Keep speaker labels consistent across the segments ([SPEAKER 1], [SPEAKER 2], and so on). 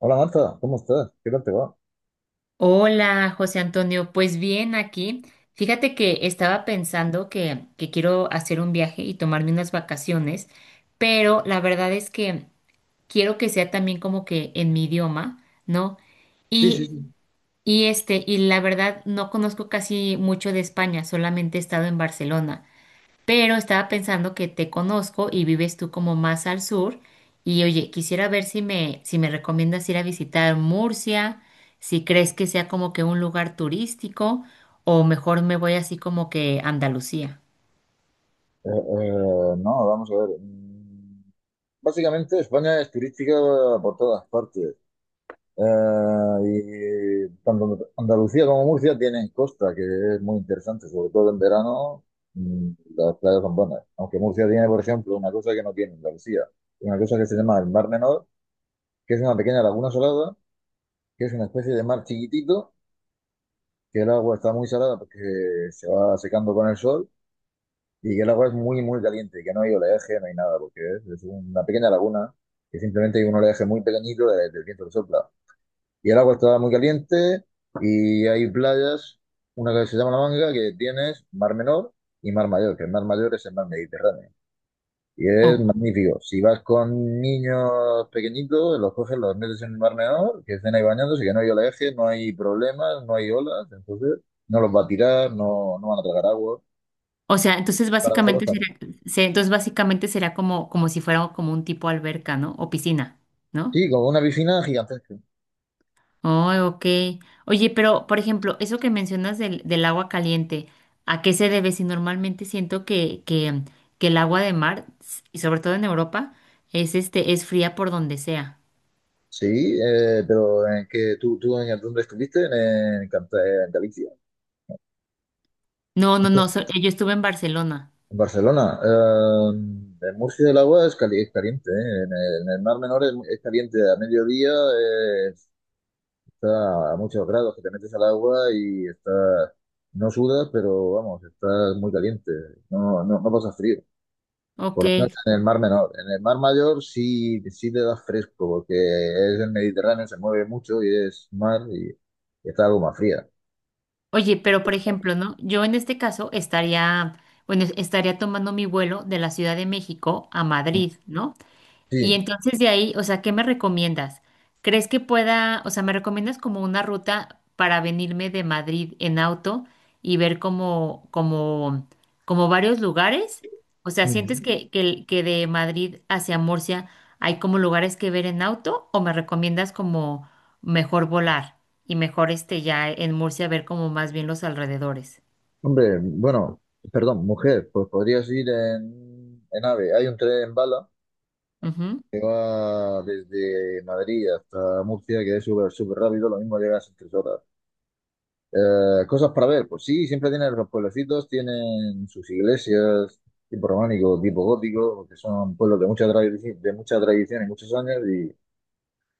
[SPEAKER 1] Hola Marta, ¿cómo estás? ¿Qué tal te va?
[SPEAKER 2] Hola, José Antonio. Pues bien, aquí. Fíjate que estaba pensando que quiero hacer un viaje y tomarme unas vacaciones, pero la verdad es que quiero que sea también como que en mi idioma, ¿no?
[SPEAKER 1] Sí, sí,
[SPEAKER 2] Y,
[SPEAKER 1] sí.
[SPEAKER 2] y la verdad no conozco casi mucho de España, solamente he estado en Barcelona pero estaba pensando que te conozco y vives tú como más al sur y oye, quisiera ver si me recomiendas ir a visitar Murcia, si crees que sea como que un lugar turístico o mejor me voy así como que a Andalucía.
[SPEAKER 1] Eh, eh, no, vamos a ver. Básicamente España es turística por todas partes. Y tanto Andalucía como Murcia tienen costa, que es muy interesante, sobre todo en verano. mm, las playas son buenas. Aunque Murcia tiene, por ejemplo, una cosa que no tiene Andalucía, una cosa que se llama el Mar Menor, que es una pequeña laguna salada, que es una especie de mar chiquitito, que el agua está muy salada porque se va secando con el sol y que el agua es muy, muy caliente, que no hay oleaje, no hay nada, porque es una pequeña laguna que simplemente hay un oleaje muy pequeñito del viento que sopla. Y el agua está muy caliente y hay playas, una que se llama La Manga, que tienes Mar Menor y Mar Mayor, que el Mar Mayor es el mar Mediterráneo. Y es
[SPEAKER 2] O,
[SPEAKER 1] magnífico. Si vas con niños pequeñitos, los coges, los metes en el Mar Menor, que estén ahí bañándose, que no hay oleaje, no hay problemas, no hay olas, entonces no los va a tirar, no, no van a tragar agua.
[SPEAKER 2] entonces
[SPEAKER 1] Para
[SPEAKER 2] básicamente entonces básicamente será como, como si fuera como un tipo alberca, ¿no? O piscina, ¿no?
[SPEAKER 1] Sí, como una piscina gigantesca.
[SPEAKER 2] Oh, ok. Oye, pero por ejemplo, eso que mencionas del agua caliente, ¿a qué se debe? Si normalmente siento que el agua de mar, y sobre todo en Europa, es es fría por donde sea.
[SPEAKER 1] Sí, pero que tú en, ¿dónde estuviste? En, Cant- En Galicia.
[SPEAKER 2] No, no, no, yo estuve en Barcelona.
[SPEAKER 1] En Barcelona. En Murcia el agua es caliente, ¿eh? En el Mar Menor es caliente. A mediodía está a muchos grados que te metes al agua y está, no sudas, pero vamos, estás muy caliente. No, no, no pasa frío.
[SPEAKER 2] Ok.
[SPEAKER 1] Por lo menos en el Mar Menor. En el Mar Mayor sí, sí te da fresco, porque es el Mediterráneo, se mueve mucho y es mar y está algo más fría.
[SPEAKER 2] Oye, pero por ejemplo, ¿no? Yo en este caso estaría, bueno, estaría tomando mi vuelo de la Ciudad de México a Madrid, ¿no? Y
[SPEAKER 1] Sí.
[SPEAKER 2] entonces de ahí, o sea, ¿qué me recomiendas? ¿Crees que pueda, o sea, me recomiendas como una ruta para venirme de Madrid en auto y ver como varios lugares? O sea, ¿sientes
[SPEAKER 1] Mm.
[SPEAKER 2] que de Madrid hacia Murcia hay como lugares que ver en auto o me recomiendas como mejor volar y mejor este ya en Murcia ver como más bien los alrededores?
[SPEAKER 1] Hombre, bueno, perdón, mujer, pues podrías ir en AVE. Hay un tren bala
[SPEAKER 2] Ujú,
[SPEAKER 1] que va desde Madrid hasta Murcia, que es súper súper rápido, lo mismo llegas en 3 horas. Cosas para ver, pues sí, siempre tienen los pueblecitos, tienen sus iglesias, tipo románico, tipo gótico, porque son pueblos de mucha tradición y muchos años, y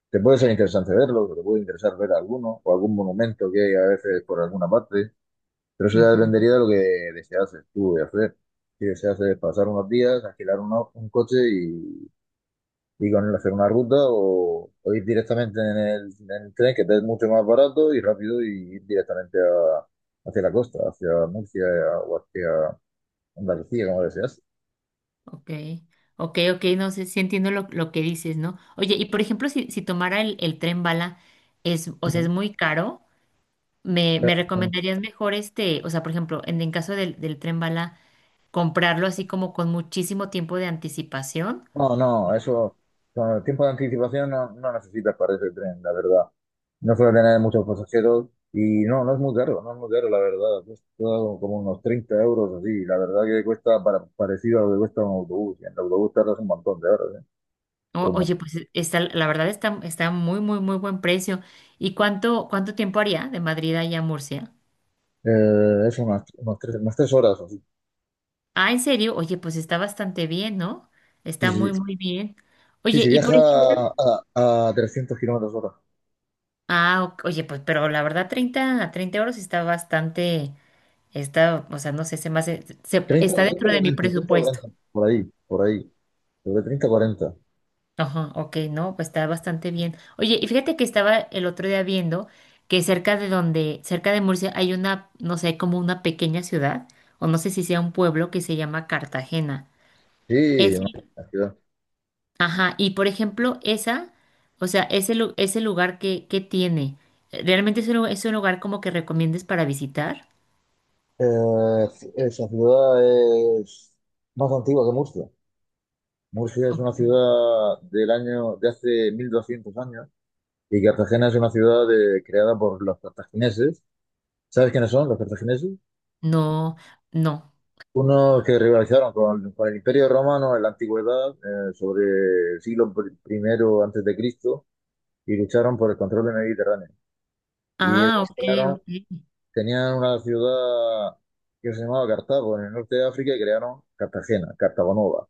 [SPEAKER 1] te puede ser interesante verlos, o te puede interesar ver alguno, o algún monumento que hay a veces por alguna parte, pero eso ya
[SPEAKER 2] ujú.
[SPEAKER 1] dependería de lo que deseas tú de hacer. Si deseas pasar unos días, alquilar un coche y con hacer una ruta o ir directamente en el tren, que es mucho más barato y rápido, y ir directamente hacia la costa, hacia Murcia o hacia Andalucía, como deseas.
[SPEAKER 2] Ok, ok, ok, no sé si entiendo lo que dices, ¿no? Oye, y por ejemplo, si tomara el tren bala, es, o sea,
[SPEAKER 1] Ujú.
[SPEAKER 2] es muy caro, me recomendarías mejor este, o sea, por ejemplo, en caso del tren bala, comprarlo así como con muchísimo tiempo de anticipación?
[SPEAKER 1] No, no, eso con el tiempo de anticipación no, no necesitas para ese tren, la verdad. No suele tener muchos pasajeros y no, no es muy caro, no es muy caro, la verdad. Cuesta como unos 30 euros así, la verdad que cuesta parecido a lo que cuesta un autobús. Y en el autobús tardas un montón de horas, ¿eh?
[SPEAKER 2] Oye, pues está, la verdad está, está muy, muy, muy buen precio. ¿Y cuánto, cuánto tiempo haría de Madrid allá a Murcia?
[SPEAKER 1] Eso, unas tres horas o así.
[SPEAKER 2] Ah, ¿en serio? Oye, pues está bastante bien, ¿no?
[SPEAKER 1] Sí,
[SPEAKER 2] Está
[SPEAKER 1] sí,
[SPEAKER 2] muy,
[SPEAKER 1] sí.
[SPEAKER 2] muy bien.
[SPEAKER 1] Sí,
[SPEAKER 2] Oye,
[SPEAKER 1] sí,
[SPEAKER 2] y
[SPEAKER 1] viaja
[SPEAKER 2] por ejemplo,
[SPEAKER 1] a 300 kilómetros hora.
[SPEAKER 2] ah, ok, oye, pues, pero la verdad, 30 a 30 euros está bastante, está, o sea, no sé, se me hace, se-
[SPEAKER 1] Treinta
[SPEAKER 2] está
[SPEAKER 1] 30
[SPEAKER 2] dentro de mi
[SPEAKER 1] 40, 30,
[SPEAKER 2] presupuesto.
[SPEAKER 1] 40. Por ahí, por ahí. Sobre treinta cuarenta.
[SPEAKER 2] Ajá, ok, no, pues está bastante bien. Oye, y fíjate que estaba el otro día viendo que cerca de Murcia hay una, no sé, como una pequeña ciudad, o no sé si sea un pueblo que se llama Cartagena.
[SPEAKER 1] Sí,
[SPEAKER 2] Es,
[SPEAKER 1] no,
[SPEAKER 2] el-
[SPEAKER 1] la ciudad.
[SPEAKER 2] ajá, y por ejemplo, esa, o sea, ese, lu- ese lugar que tiene, ¿realmente es es un lugar como que recomiendes para visitar?
[SPEAKER 1] Eh, Esa ciudad es más antigua que Murcia. Murcia es una ciudad del año, de hace 1200 años, y Cartagena es una ciudad creada por los cartagineses. ¿Sabes quiénes son los cartagineses?
[SPEAKER 2] No, no.
[SPEAKER 1] Uno que rivalizaron con el Imperio Romano en la antigüedad, sobre el siglo primero antes de Cristo, y lucharon por el control del Mediterráneo. Y
[SPEAKER 2] Ah,
[SPEAKER 1] ellos
[SPEAKER 2] ok, ok,
[SPEAKER 1] tenían una ciudad que se llamaba Cartago en el norte de África y crearon Cartagena, Cartago Nova.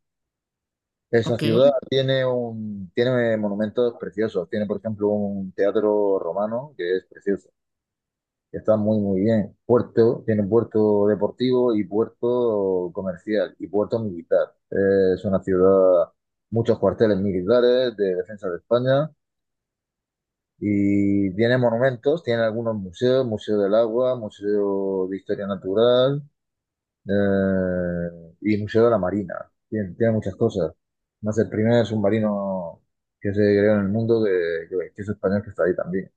[SPEAKER 1] Esa
[SPEAKER 2] ok,
[SPEAKER 1] ciudad tiene monumentos preciosos. Tiene, por ejemplo, un teatro romano que es precioso. Está muy, muy bien. Puerto, tiene puerto deportivo y puerto comercial y puerto militar. Es una ciudad, muchos cuarteles militares de defensa de España y tiene monumentos, tiene algunos museos, Museo del Agua, Museo de Historia Natural y Museo de la Marina. Tiene muchas cosas. Más el primer submarino que se creó en el mundo que es español que está ahí también.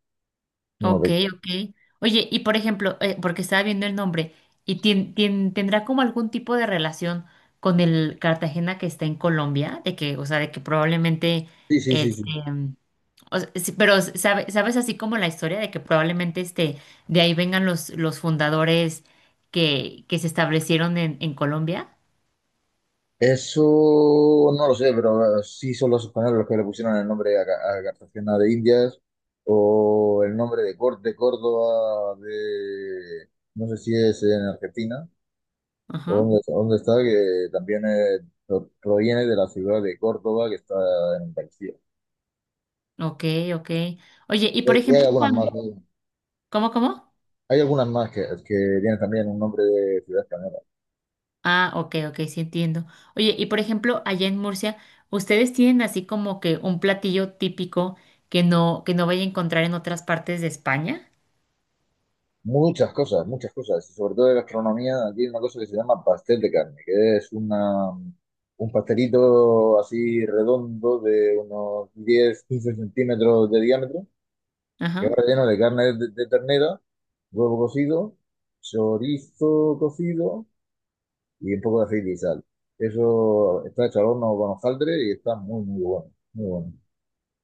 [SPEAKER 1] Uno
[SPEAKER 2] ok,
[SPEAKER 1] de.
[SPEAKER 2] ok. Oye, y por ejemplo, porque estaba viendo el nombre, ¿y tendrá como algún tipo de relación con el Cartagena que está en Colombia? De que, o sea, de que probablemente,
[SPEAKER 1] Sí, sí, sí,
[SPEAKER 2] este,
[SPEAKER 1] sí.
[SPEAKER 2] mm, o sea, sí, pero ¿sabes así como la historia de que probablemente este, de ahí vengan los fundadores que se establecieron en Colombia?
[SPEAKER 1] Eso no lo sé, pero sí son los españoles los que le pusieron el nombre a Cartagena de Indias o el nombre de Córdoba de. No sé si es en Argentina o
[SPEAKER 2] Ajá,
[SPEAKER 1] dónde está, que también proviene de la ciudad de Córdoba que está en Andalucía.
[SPEAKER 2] ok, ok. Oye, y
[SPEAKER 1] Y
[SPEAKER 2] por
[SPEAKER 1] hay, y hay
[SPEAKER 2] ejemplo,
[SPEAKER 1] algunas más,
[SPEAKER 2] Juan,
[SPEAKER 1] ¿no?
[SPEAKER 2] cómo?
[SPEAKER 1] Hay algunas más que tienen también un nombre de ciudad española.
[SPEAKER 2] Ah, ok, ok, sí entiendo. Oye, y por ejemplo, allá en Murcia, ¿ustedes tienen así como que un platillo típico que no vaya a encontrar en otras partes de España?
[SPEAKER 1] Muchas cosas, y sobre todo de gastronomía, aquí hay una cosa que se llama pastel de carne, que es un pastelito así redondo de unos 10 15 centímetros de diámetro, que va
[SPEAKER 2] Ajá,
[SPEAKER 1] relleno de carne de ternera, huevo cocido, chorizo cocido y un poco de aceite y sal. Eso está hecho al horno con hojaldre y está muy, muy bueno, muy bueno,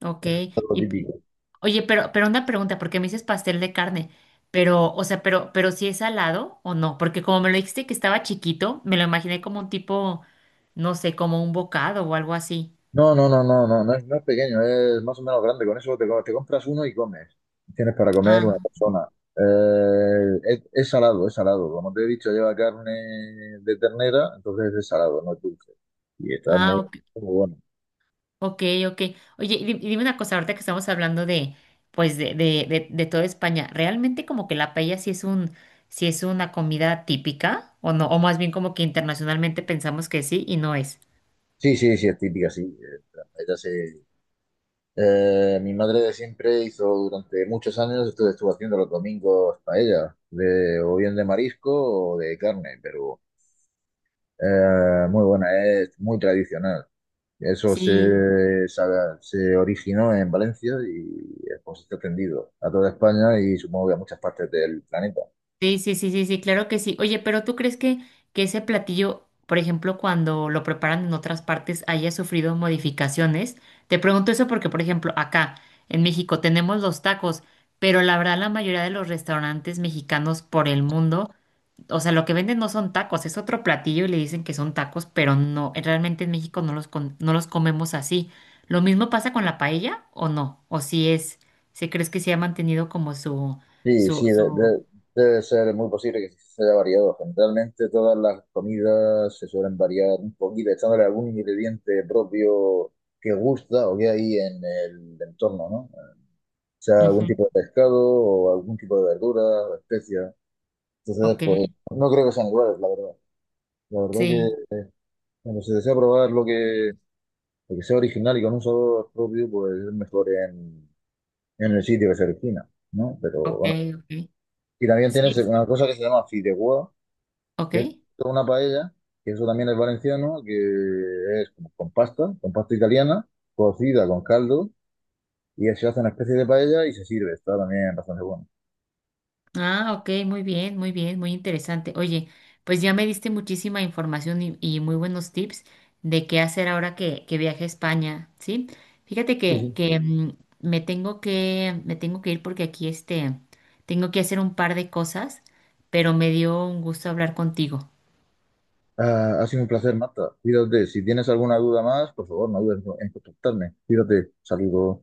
[SPEAKER 2] ok.
[SPEAKER 1] algo
[SPEAKER 2] Y p-
[SPEAKER 1] típico.
[SPEAKER 2] Oye, pero una pregunta, porque me dices pastel de carne, pero, o sea, pero si es salado o no, porque como me lo dijiste que estaba chiquito, me lo imaginé como un tipo, no sé, como un bocado o algo así.
[SPEAKER 1] No, no, no, no, no, no es pequeño, es más o menos grande. Con eso te compras uno y comes. Tienes para comer una
[SPEAKER 2] Ah,
[SPEAKER 1] persona. Es salado, es salado. Como te he dicho, lleva carne de ternera, entonces es salado, no es dulce. Y está muy,
[SPEAKER 2] ah,
[SPEAKER 1] muy bueno.
[SPEAKER 2] Ok, ok. Oye, y y dime una cosa, ahorita que estamos hablando de, pues, de toda España, ¿realmente como que la paella sí es sí es una comida típica o no? O más bien como que internacionalmente pensamos que sí y no es.
[SPEAKER 1] Sí, sí, sí, es típica, sí. Mi madre de siempre hizo durante muchos años, estuvo haciendo los domingos paella, o bien de marisco o de carne, pero muy buena, es muy tradicional. Eso
[SPEAKER 2] Sí.
[SPEAKER 1] se, se, se originó en Valencia y es, pues, está extendido a toda España y supongo que a muchas partes del planeta.
[SPEAKER 2] Sí, sí, sí, sí, sí, claro que sí. Oye, pero ¿tú crees que ese platillo, por ejemplo, cuando lo preparan en otras partes, haya sufrido modificaciones? Te pregunto eso porque, por ejemplo, acá en México tenemos los tacos, pero la verdad la mayoría de los restaurantes mexicanos por el mundo, o sea, lo que venden no son tacos, es otro platillo y le dicen que son tacos, pero no, realmente en México no no los comemos así. ¿Lo mismo pasa con la paella o no? ¿O si es, si crees que se ha mantenido como
[SPEAKER 1] Sí, sí,
[SPEAKER 2] su...
[SPEAKER 1] debe ser muy posible que se haya variado. Generalmente todas las comidas se suelen variar un poquito, echándole algún ingrediente propio que gusta o que hay en el entorno, ¿no? O sea, algún
[SPEAKER 2] Ujú.
[SPEAKER 1] tipo de pescado o algún tipo de verdura o especias. Entonces,
[SPEAKER 2] Ok,
[SPEAKER 1] pues no creo que sean iguales, la verdad. La verdad
[SPEAKER 2] sí,
[SPEAKER 1] que cuando se desea probar lo que el que sea original y con un sabor propio, pues es mejor en el sitio que se origina, ¿no? Pero
[SPEAKER 2] ok,
[SPEAKER 1] bueno.
[SPEAKER 2] ok.
[SPEAKER 1] Y también tienes
[SPEAKER 2] Sí,
[SPEAKER 1] una cosa que se llama fideuá,
[SPEAKER 2] ok.
[SPEAKER 1] que es toda una paella, que eso también es valenciano, que es como con pasta italiana, cocida con caldo, y se hace una especie de paella y se sirve. Está también bastante bueno.
[SPEAKER 2] Ah, ok, muy bien, muy bien, muy interesante. Oye, pues ya me diste muchísima información y muy buenos tips de qué hacer ahora que viaje a España, ¿sí? Fíjate
[SPEAKER 1] Sí,
[SPEAKER 2] que,
[SPEAKER 1] sí.
[SPEAKER 2] que mm, me tengo me tengo que ir porque aquí este, tengo que hacer un par de cosas, pero me dio un gusto hablar contigo.
[SPEAKER 1] Ah, ha sido un placer, Marta. Cuídate. Si tienes alguna duda más, por favor, no dudes en contactarme. Cuídate. Saludos.